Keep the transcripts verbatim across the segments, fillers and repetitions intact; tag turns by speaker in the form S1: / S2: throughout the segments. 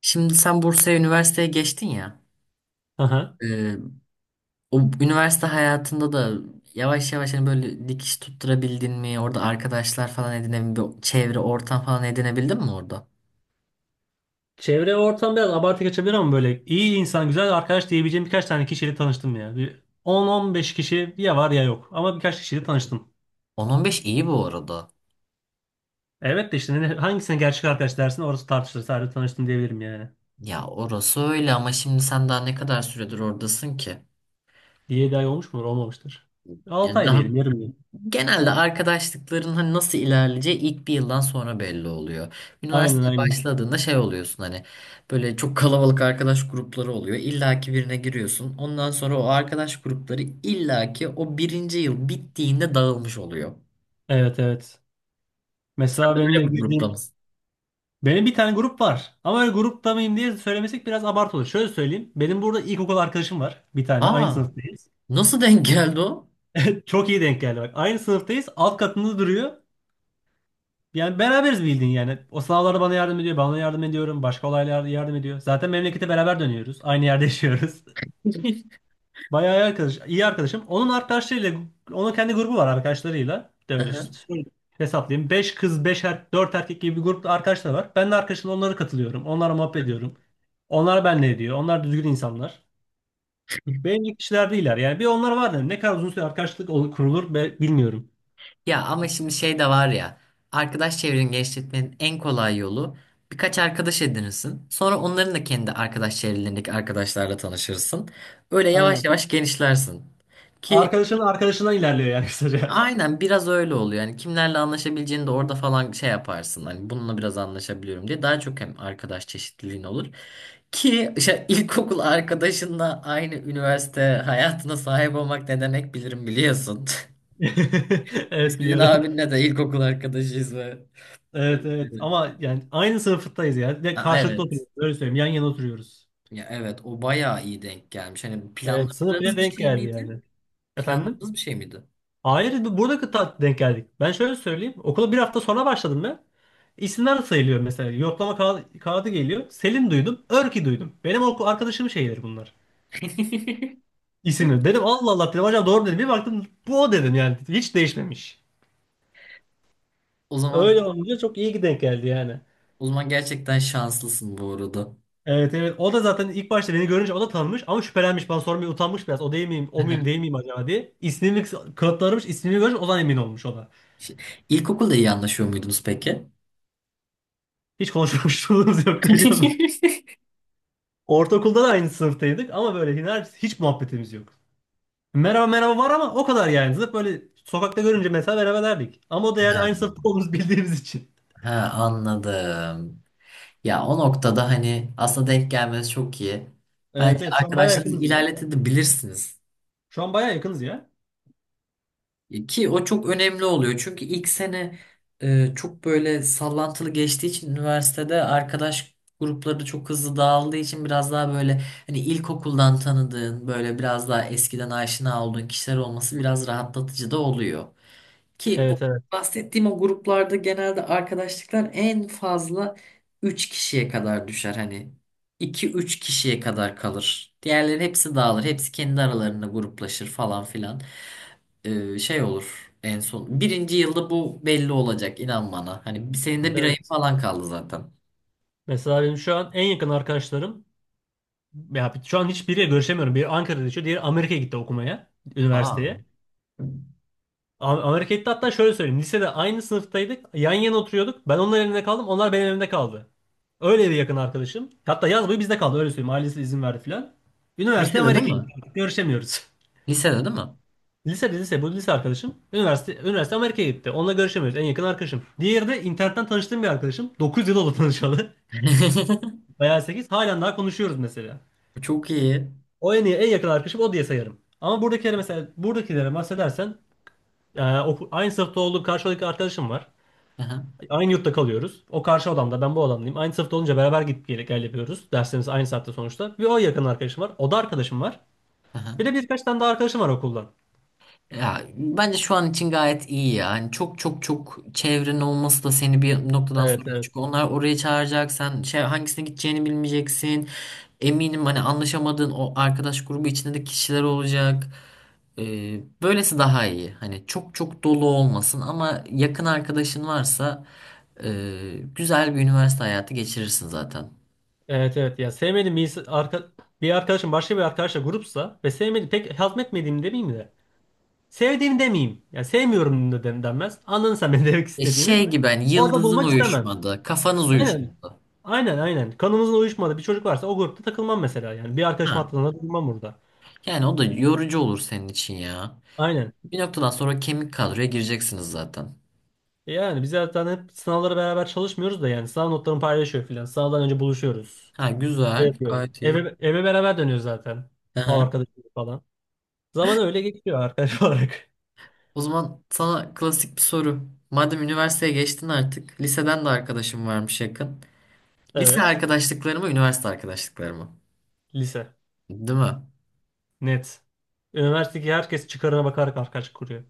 S1: Şimdi sen Bursa'ya üniversiteye geçtin ya.
S2: Aha.
S1: e, O üniversite hayatında da yavaş yavaş hani böyle dikiş tutturabildin mi? Orada arkadaşlar falan edinebildin mi? Çevre, ortam falan edinebildin mi orada?
S2: Çevre ve ortam biraz abartı kaçabilir ama böyle iyi insan, güzel arkadaş diyebileceğim birkaç tane kişiyle tanıştım ya. Bir on on beş kişi ya var ya yok ama birkaç kişiyle tanıştım.
S1: On on beş iyi bu arada.
S2: Evet de işte ne- hangisine gerçek arkadaş dersin, orası tartışılır. Sadece tanıştım diyebilirim yani.
S1: Ya orası öyle ama şimdi sen daha ne kadar süredir oradasın ki?
S2: yedi ay olmuş mudur? Olmamıştır. altı
S1: Yani
S2: ay
S1: daha.
S2: diyelim, yarım yıl.
S1: Genelde arkadaşlıkların hani nasıl ilerleyeceği ilk bir yıldan sonra belli oluyor.
S2: Aynen,
S1: Üniversiteye
S2: aynen.
S1: başladığında şey oluyorsun hani böyle çok kalabalık arkadaş grupları oluyor. İlla ki birine giriyorsun. Ondan sonra o arkadaş grupları illa ki o birinci yıl bittiğinde dağılmış oluyor.
S2: Evet, evet.
S1: Sen
S2: Mesela
S1: de
S2: benim de
S1: öyle bir grupta
S2: girdiğim
S1: mısın?
S2: benim bir tane grup var. Ama öyle grupta mıyım diye söylemesek biraz abartı olur. Şöyle söyleyeyim. Benim burada ilkokul arkadaşım var. Bir tane. Aynı
S1: Aa,
S2: sınıftayız.
S1: nasıl denk geldi o?
S2: Çok iyi denk geldi bak. Aynı sınıftayız. Alt katında duruyor. Yani beraberiz bildiğin yani. O sınavlarda bana yardım ediyor. Ben ona yardım ediyorum. Başka olaylarda yardım ediyor. Zaten memlekete beraber dönüyoruz. Aynı yerde yaşıyoruz. Bayağı iyi arkadaş, iyi arkadaşım. Onun arkadaşlarıyla, onun kendi grubu var arkadaşlarıyla. De öyle
S1: Aha.
S2: şöyle hesaplayayım. Beş kız, beş er, dört erkek gibi bir grupta arkadaşlar var. Ben de arkadaşımla onlara katılıyorum. Onlara muhabbet ediyorum. Onlar benle ediyor. Onlar düzgün insanlar. Benim gibi kişiler değiller. Yani bir onlar var dedim. Ne kadar uzun süre arkadaşlık olur, kurulur, be- bilmiyorum.
S1: Ya ama şimdi şey de var ya. Arkadaş çevreni genişletmenin en kolay yolu birkaç arkadaş edinirsin. Sonra onların da kendi arkadaş çevrelerindeki arkadaşlarla tanışırsın. Öyle yavaş
S2: Aynen.
S1: yavaş genişlersin. Ki
S2: Arkadaşın arkadaşından ilerliyor yani kısaca.
S1: aynen biraz öyle oluyor. Yani kimlerle anlaşabileceğini de orada falan şey yaparsın. Hani bununla biraz anlaşabiliyorum diye. Daha çok hem arkadaş çeşitliliğin olur. Ki işte ilkokul arkadaşınla aynı üniversite hayatına sahip olmak ne demek bilirim biliyorsun.
S2: Evet,
S1: Senin
S2: biliyorum.
S1: abinle de ilkokul arkadaşıyız ve.
S2: Evet, evet, ama yani aynı sınıftayız ya, ve
S1: Ha,
S2: karşılıklı
S1: evet.
S2: oturuyoruz. Öyle söyleyeyim. Yan yana oturuyoruz.
S1: Ya evet, o bayağı iyi denk gelmiş. Hani
S2: Evet, sınıf bile
S1: planladığınız bir
S2: denk
S1: şey
S2: geldi
S1: miydi?
S2: yani. Efendim?
S1: Planladığınız bir şey miydi?
S2: Hayır, bu- burada kıta denk geldik. Ben şöyle söyleyeyim. Okula bir hafta sonra başladım ben. İsimler sayılıyor mesela. Yoklama kağı- kağıdı geliyor. Selin duydum. Örki duydum. Benim okul arkadaşım şeyleri bunlar. İsimleri. Dedim Allah Allah dedim. Acaba doğru mu dedim. Bir baktım bu o dedim yani. Hiç değişmemiş.
S1: O
S2: Öyle
S1: zaman.
S2: olunca çok iyi ki denk geldi yani.
S1: O zaman gerçekten şanslısın bu arada.
S2: Evet, evet. O da zaten ilk başta beni görünce o da tanımış ama şüphelenmiş. Bana sormaya utanmış biraz. O değil miyim? O muyum, değil miyim acaba diye. İsmimi kanıtlarmış. İsmini görünce o zaman emin olmuş o da.
S1: Şey- İlkokulda iyi anlaşıyor muydunuz peki?
S2: Hiç konuşmamışlığımız yoktu biliyor musun? Ortaokulda da aynı sınıftaydık ama böyle hiç, hiç muhabbetimiz yok. Merhaba merhaba var ama o kadar yani. Zıp böyle sokakta görünce mesela merhaba derdik. Ama o da yani
S1: Ha,
S2: aynı sınıfta olduğumuzu bildiğimiz için.
S1: ha, anladım. Ya o noktada hani aslında denk gelmesi çok iyi. Bence
S2: Evet, evet, şu an bayağı
S1: arkadaşlarınızı
S2: yakınız ya.
S1: ilerletebilirsiniz.
S2: Şu an bayağı yakınız ya.
S1: Ki o çok önemli oluyor. Çünkü ilk sene e, çok böyle sallantılı geçtiği için üniversitede arkadaş grupları çok hızlı dağıldığı için biraz daha böyle hani ilkokuldan tanıdığın böyle biraz daha eskiden aşina olduğun kişiler olması biraz rahatlatıcı da oluyor. Ki o
S2: Evet, evet,
S1: bahsettiğim o gruplarda genelde arkadaşlıklar en fazla üç kişiye kadar düşer. Hani iki üç kişiye kadar kalır. Diğerleri hepsi dağılır. Hepsi kendi aralarında gruplaşır falan filan. Ee, şey olur en son. Birinci yılda bu belli olacak, inan bana. Hani senin de bir ayın
S2: evet.
S1: falan kaldı zaten.
S2: Mesela benim şu an en yakın arkadaşlarım, ya şu an hiçbiriyle görüşemiyorum. Biri Ankara'da yaşıyor, diğeri Amerika'ya gitti okumaya,
S1: Aa.
S2: üniversiteye. A- Amerika'ya gitti, hatta şöyle söyleyeyim. Lisede aynı sınıftaydık. Yan yana oturuyorduk. Ben onların evinde kaldım. Onlar benim evimde kaldı. Öyle bir yakın arkadaşım. Hatta yaz boyu bizde kaldı, öyle söyleyeyim. Ailesi izin verdi filan. Üniversite
S1: Lisede değil
S2: Amerika'ya gitti.
S1: mi?
S2: Artık görüşemiyoruz.
S1: Lisede değil mi?
S2: Lisede lise bu lise arkadaşım. Üniversite üniversite Amerika'ya gitti. Onunla görüşemiyoruz. En yakın arkadaşım. Diğeri de internetten tanıştığım bir arkadaşım. Dokuz yıl oldu tanışalı. Bayağı sekiz halen daha konuşuyoruz mesela.
S1: Çok iyi.
S2: O en iyi, en yakın arkadaşım, o diye sayarım. Ama buradakilere mesela, buradakilere bahsedersen, e, oku- aynı sınıfta olduğum karşıdaki arkadaşım var.
S1: Aha,
S2: Aynı yurtta kalıyoruz. O karşı odamda, ben bu odamdayım. Aynı sınıfta olunca beraber gidip gel, gel yapıyoruz. Derslerimiz aynı saatte sonuçta. Bir o yakın arkadaşım var. O da arkadaşım var. Bir
S1: aha.
S2: de birkaç tane daha arkadaşım var okuldan.
S1: Ya bence şu an için gayet iyi ya. Hani çok çok çok çevrenin olması da seni bir noktadan
S2: Evet,
S1: sonra,
S2: evet.
S1: çünkü onlar oraya çağıracak. Sen şey hangisine gideceğini bilmeyeceksin. Eminim hani anlaşamadığın o arkadaş grubu içinde de kişiler olacak. Ee, böylesi daha iyi. Hani çok çok dolu olmasın ama yakın arkadaşın varsa e, güzel bir üniversite hayatı geçirirsin zaten.
S2: Evet, evet, ya sevmediğim bir, ins- arka, bir arkadaşım başka bir arkadaşla grupsa ve sevmedi, pek hazmetmediğimi demeyeyim de sevdiğimi demeyeyim. Ya sevmiyorum da den- denmez. Anladın sen benim demek
S1: E
S2: istediğimi.
S1: şey gibi hani
S2: Orada
S1: yıldızın
S2: bulmak istemem.
S1: uyuşmadı, kafanız
S2: Aynen.
S1: uyuşmadı.
S2: Aynen, aynen. Kanımızın uyuşmadığı bir çocuk varsa o grupta takılmam mesela yani. Bir arkadaşım
S1: Ha.
S2: hattında durmam burada.
S1: Yani o da yorucu olur senin için ya.
S2: Aynen.
S1: Bir noktadan sonra kemik kadroya gireceksiniz zaten.
S2: E Yani biz zaten hep sınavlara beraber çalışmıyoruz da, yani sınav notlarını paylaşıyor filan. Sınavdan önce buluşuyoruz.
S1: Ha,
S2: Şey
S1: güzel.
S2: yapıyoruz.
S1: Gayet iyi.
S2: Eve, eve beraber dönüyoruz zaten. O
S1: Aha.
S2: arkadaşım falan. Zaman öyle geçiyor arkadaş olarak.
S1: O zaman sana klasik bir soru. Madem üniversiteye geçtin artık. Liseden de arkadaşım varmış, yakın. Lise
S2: Evet.
S1: arkadaşlıkları mı, üniversite arkadaşlıkları mı?
S2: Lise.
S1: Değil mi?
S2: Net. Üniversitedeki herkes çıkarına bakarak arkadaş kuruyor.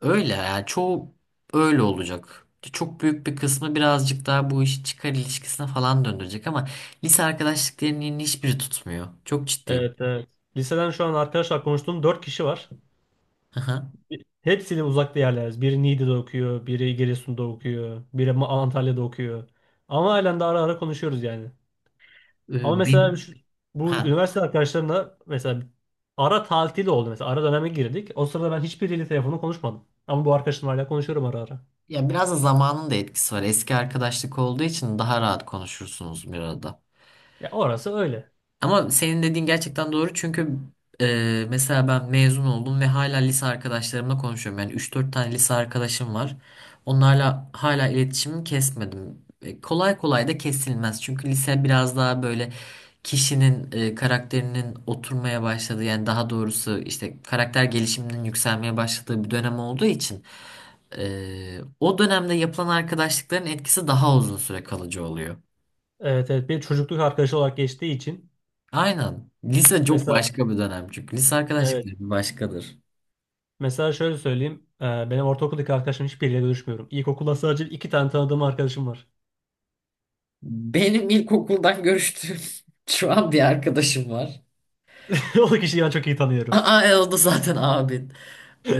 S1: Öyle yani, çoğu öyle olacak. Çok büyük bir kısmı birazcık daha bu işi çıkar ilişkisine falan döndürecek ama lise arkadaşlıklarının hiçbiri tutmuyor. Çok ciddiyim.
S2: Evet, evet. Liseden şu an arkadaşlar konuştuğum dört kişi var.
S1: Aha.
S2: Hepsiyle uzakta yerleriz. Biri Niğde'de okuyor, biri Giresun'da okuyor, biri Ma- Antalya'da okuyor. Ama halen de ara ara konuşuyoruz yani. Ama
S1: Ee,
S2: mesela
S1: benim,
S2: şu- bu
S1: ha.
S2: üniversite arkadaşlarımla mesela ara tatil oldu mesela. Ara döneme girdik. O sırada ben hiçbiriyle telefonla konuşmadım. Ama bu arkadaşımla hala konuşuyorum ara ara.
S1: Ya biraz da zamanın da etkisi var. Eski arkadaşlık olduğu için daha rahat konuşursunuz bir arada.
S2: Ya orası öyle.
S1: Ama senin dediğin gerçekten doğru, çünkü e, mesela ben mezun oldum ve hala lise arkadaşlarımla konuşuyorum. Yani üç dört tane lise arkadaşım var. Onlarla hala iletişimimi kesmedim. E, kolay kolay da kesilmez. Çünkü lise biraz daha böyle kişinin e, karakterinin oturmaya başladığı, yani daha doğrusu işte karakter gelişiminin yükselmeye başladığı bir dönem olduğu için e, o dönemde yapılan arkadaşlıkların etkisi daha uzun süre kalıcı oluyor.
S2: Evet, evet. Bir çocukluk arkadaşı olarak geçtiği için
S1: Aynen. Lise çok
S2: mesela,
S1: başka bir dönem çünkü. Lise
S2: evet.
S1: arkadaşlıkları bir başkadır.
S2: Mesela şöyle söyleyeyim. e, Benim ortaokuldaki arkadaşlarım hiçbiriyle görüşmüyorum. İlkokulda sadece iki tane tanıdığım arkadaşım var.
S1: Benim ilkokuldan görüştüğüm şu an bir arkadaşım var.
S2: O da kişiyi ben çok iyi tanıyorum.
S1: Aa, e, o da zaten abin. Ee,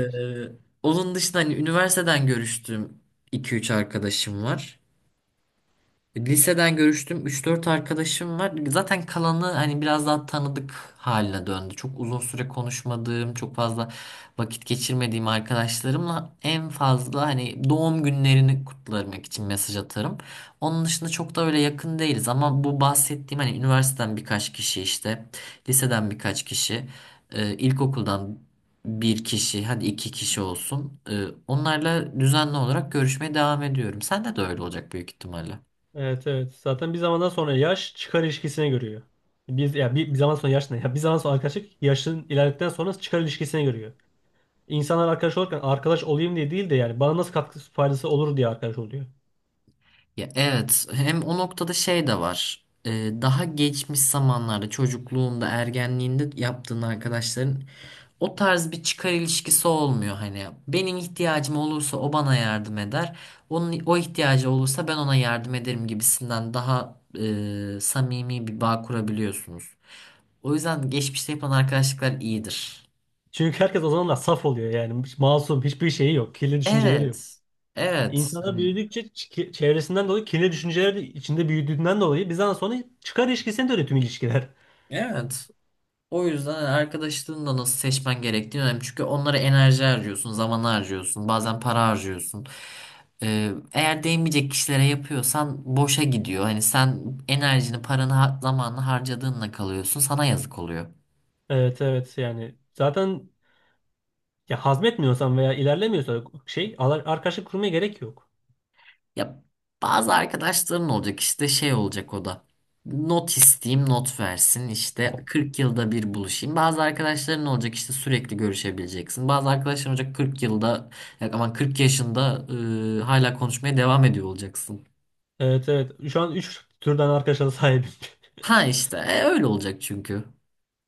S1: Onun dışında hani üniversiteden görüştüğüm iki üç arkadaşım var. E, Liseden görüştüm. Üç dört arkadaşım var. Zaten kalanı hani biraz daha tanıdık haline döndü. Çok uzun süre konuşmadığım, çok fazla vakit geçirmediğim arkadaşlarımla en fazla hani doğum günlerini kutlamak için mesaj atarım. Onun dışında çok da öyle yakın değiliz ama bu bahsettiğim hani üniversiteden birkaç kişi işte, liseden birkaç kişi, e, ilkokuldan bir kişi, hadi iki kişi olsun. E, Onlarla düzenli olarak görüşmeye devam ediyorum. Sende de öyle olacak büyük ihtimalle.
S2: Evet, evet. Zaten bir zamandan sonra yaş çıkar ilişkisine görüyor. Biz ya bir, bir zaman sonra yaş ne? Ya bir zaman sonra arkadaşlık, yaşın ilerledikten sonra çıkar ilişkisine görüyor. İnsanlar arkadaş olurken arkadaş olayım diye değil de yani bana nasıl katkısı, faydası olur diye arkadaş oluyor.
S1: Ya evet, hem o noktada şey de var. Ee, daha geçmiş zamanlarda çocukluğunda ergenliğinde yaptığın arkadaşların o tarz bir çıkar ilişkisi olmuyor. Hani benim ihtiyacım olursa o bana yardım eder, onun o ihtiyacı olursa ben ona yardım ederim gibisinden daha e, samimi bir bağ kurabiliyorsunuz. O yüzden geçmişte yapılan arkadaşlıklar iyidir.
S2: Çünkü herkes o zamanlar saf oluyor yani. Hiç masum, hiçbir şeyi yok. Kirli düşünceleri yok.
S1: Evet. Evet.
S2: İnsana
S1: Hani
S2: büyüdükçe çi- çevresinden dolayı kirli düşünceler de içinde büyüdüğünden dolayı bizden sonra çıkar ilişkisine dönüyor tüm ilişkiler.
S1: evet. O yüzden hani arkadaşlığını da nasıl seçmen gerektiği önemli. Çünkü onlara enerji harcıyorsun, zaman harcıyorsun, bazen para harcıyorsun. Ee, eğer değmeyecek kişilere yapıyorsan boşa gidiyor. Hani sen enerjini, paranı, ha- zamanını harcadığınla kalıyorsun. Sana yazık oluyor.
S2: Evet, evet, yani zaten ya hazmetmiyorsan veya ilerlemiyorsan şey, al- arkadaşlık kurmaya gerek yok.
S1: Ya bazı arkadaşların olacak, işte şey olacak o da. Not isteyeyim, not versin, işte kırk yılda bir buluşayım. Bazı arkadaşların olacak işte sürekli görüşebileceksin. Bazı arkadaşların olacak kırk yılda, ya aman kırk yaşında e, hala konuşmaya devam ediyor olacaksın.
S2: Evet, evet, şu an üç türden arkadaşa da sahibim.
S1: Ha işte e, öyle olacak çünkü.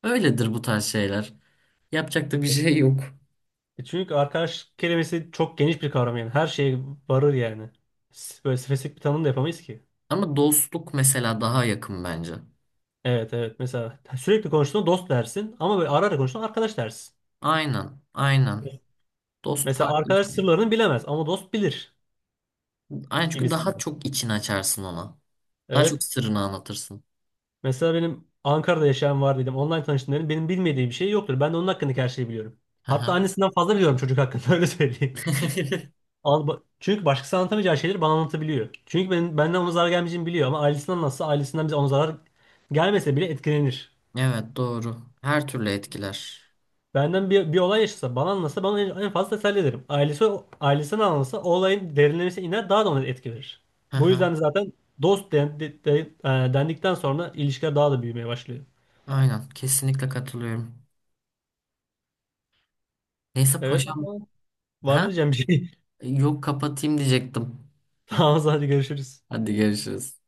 S1: Öyledir bu tarz şeyler. Yapacak da bir şey yok.
S2: Çünkü arkadaş kelimesi çok geniş bir kavram yani, her şeye varır yani. S- Böyle spesifik bir tanım da yapamayız ki.
S1: Ama dostluk mesela daha yakın bence.
S2: Evet, evet, mesela sürekli konuştuğun dost dersin, ama böyle ara ara konuştuğun arkadaş dersin.
S1: Aynen aynen. Dost
S2: Mesela
S1: farklı bir
S2: arkadaş
S1: şey.
S2: sırlarını bilemez ama dost bilir
S1: Aynen, çünkü daha
S2: gibisinden.
S1: çok için açarsın ona. Daha
S2: Evet.
S1: çok sırrını anlatırsın.
S2: Mesela benim Ankara'da yaşayan var dedim. Online tanıştım dedim. Benim bilmediği bir şey yoktur. Ben de onun hakkındaki her şeyi biliyorum.
S1: Hı
S2: Hatta
S1: hı.
S2: annesinden fazla biliyorum çocuk hakkında, öyle söyleyeyim. Al- ba- Çünkü başkası anlatamayacağı şeyleri bana anlatabiliyor. Çünkü ben, benden ona zarar gelmeyeceğini biliyor, ama ailesinden nasıl ailesinden bize, ona zarar gelmese bile etkilenir.
S1: Evet, doğru. Her türlü etkiler.
S2: Benden bir, bir olay yaşasa, bana anlatsa, bana en en fazla teselli ederim. Ailesi ailesine anlatsa o olayın derinlemesine iner, daha da ona etki verir.
S1: Hı
S2: Bu
S1: hı.
S2: yüzden zaten dost den- de- de- e, dendikten sonra ilişkiler daha da büyümeye başlıyor.
S1: Aynen. Kesinlikle katılıyorum. Neyse
S2: Evet
S1: paşam.
S2: ama, var mı
S1: Ha?
S2: diyeceğim bir şey?
S1: Yok, kapatayım diyecektim.
S2: Tamam, hadi görüşürüz.
S1: Hadi görüşürüz.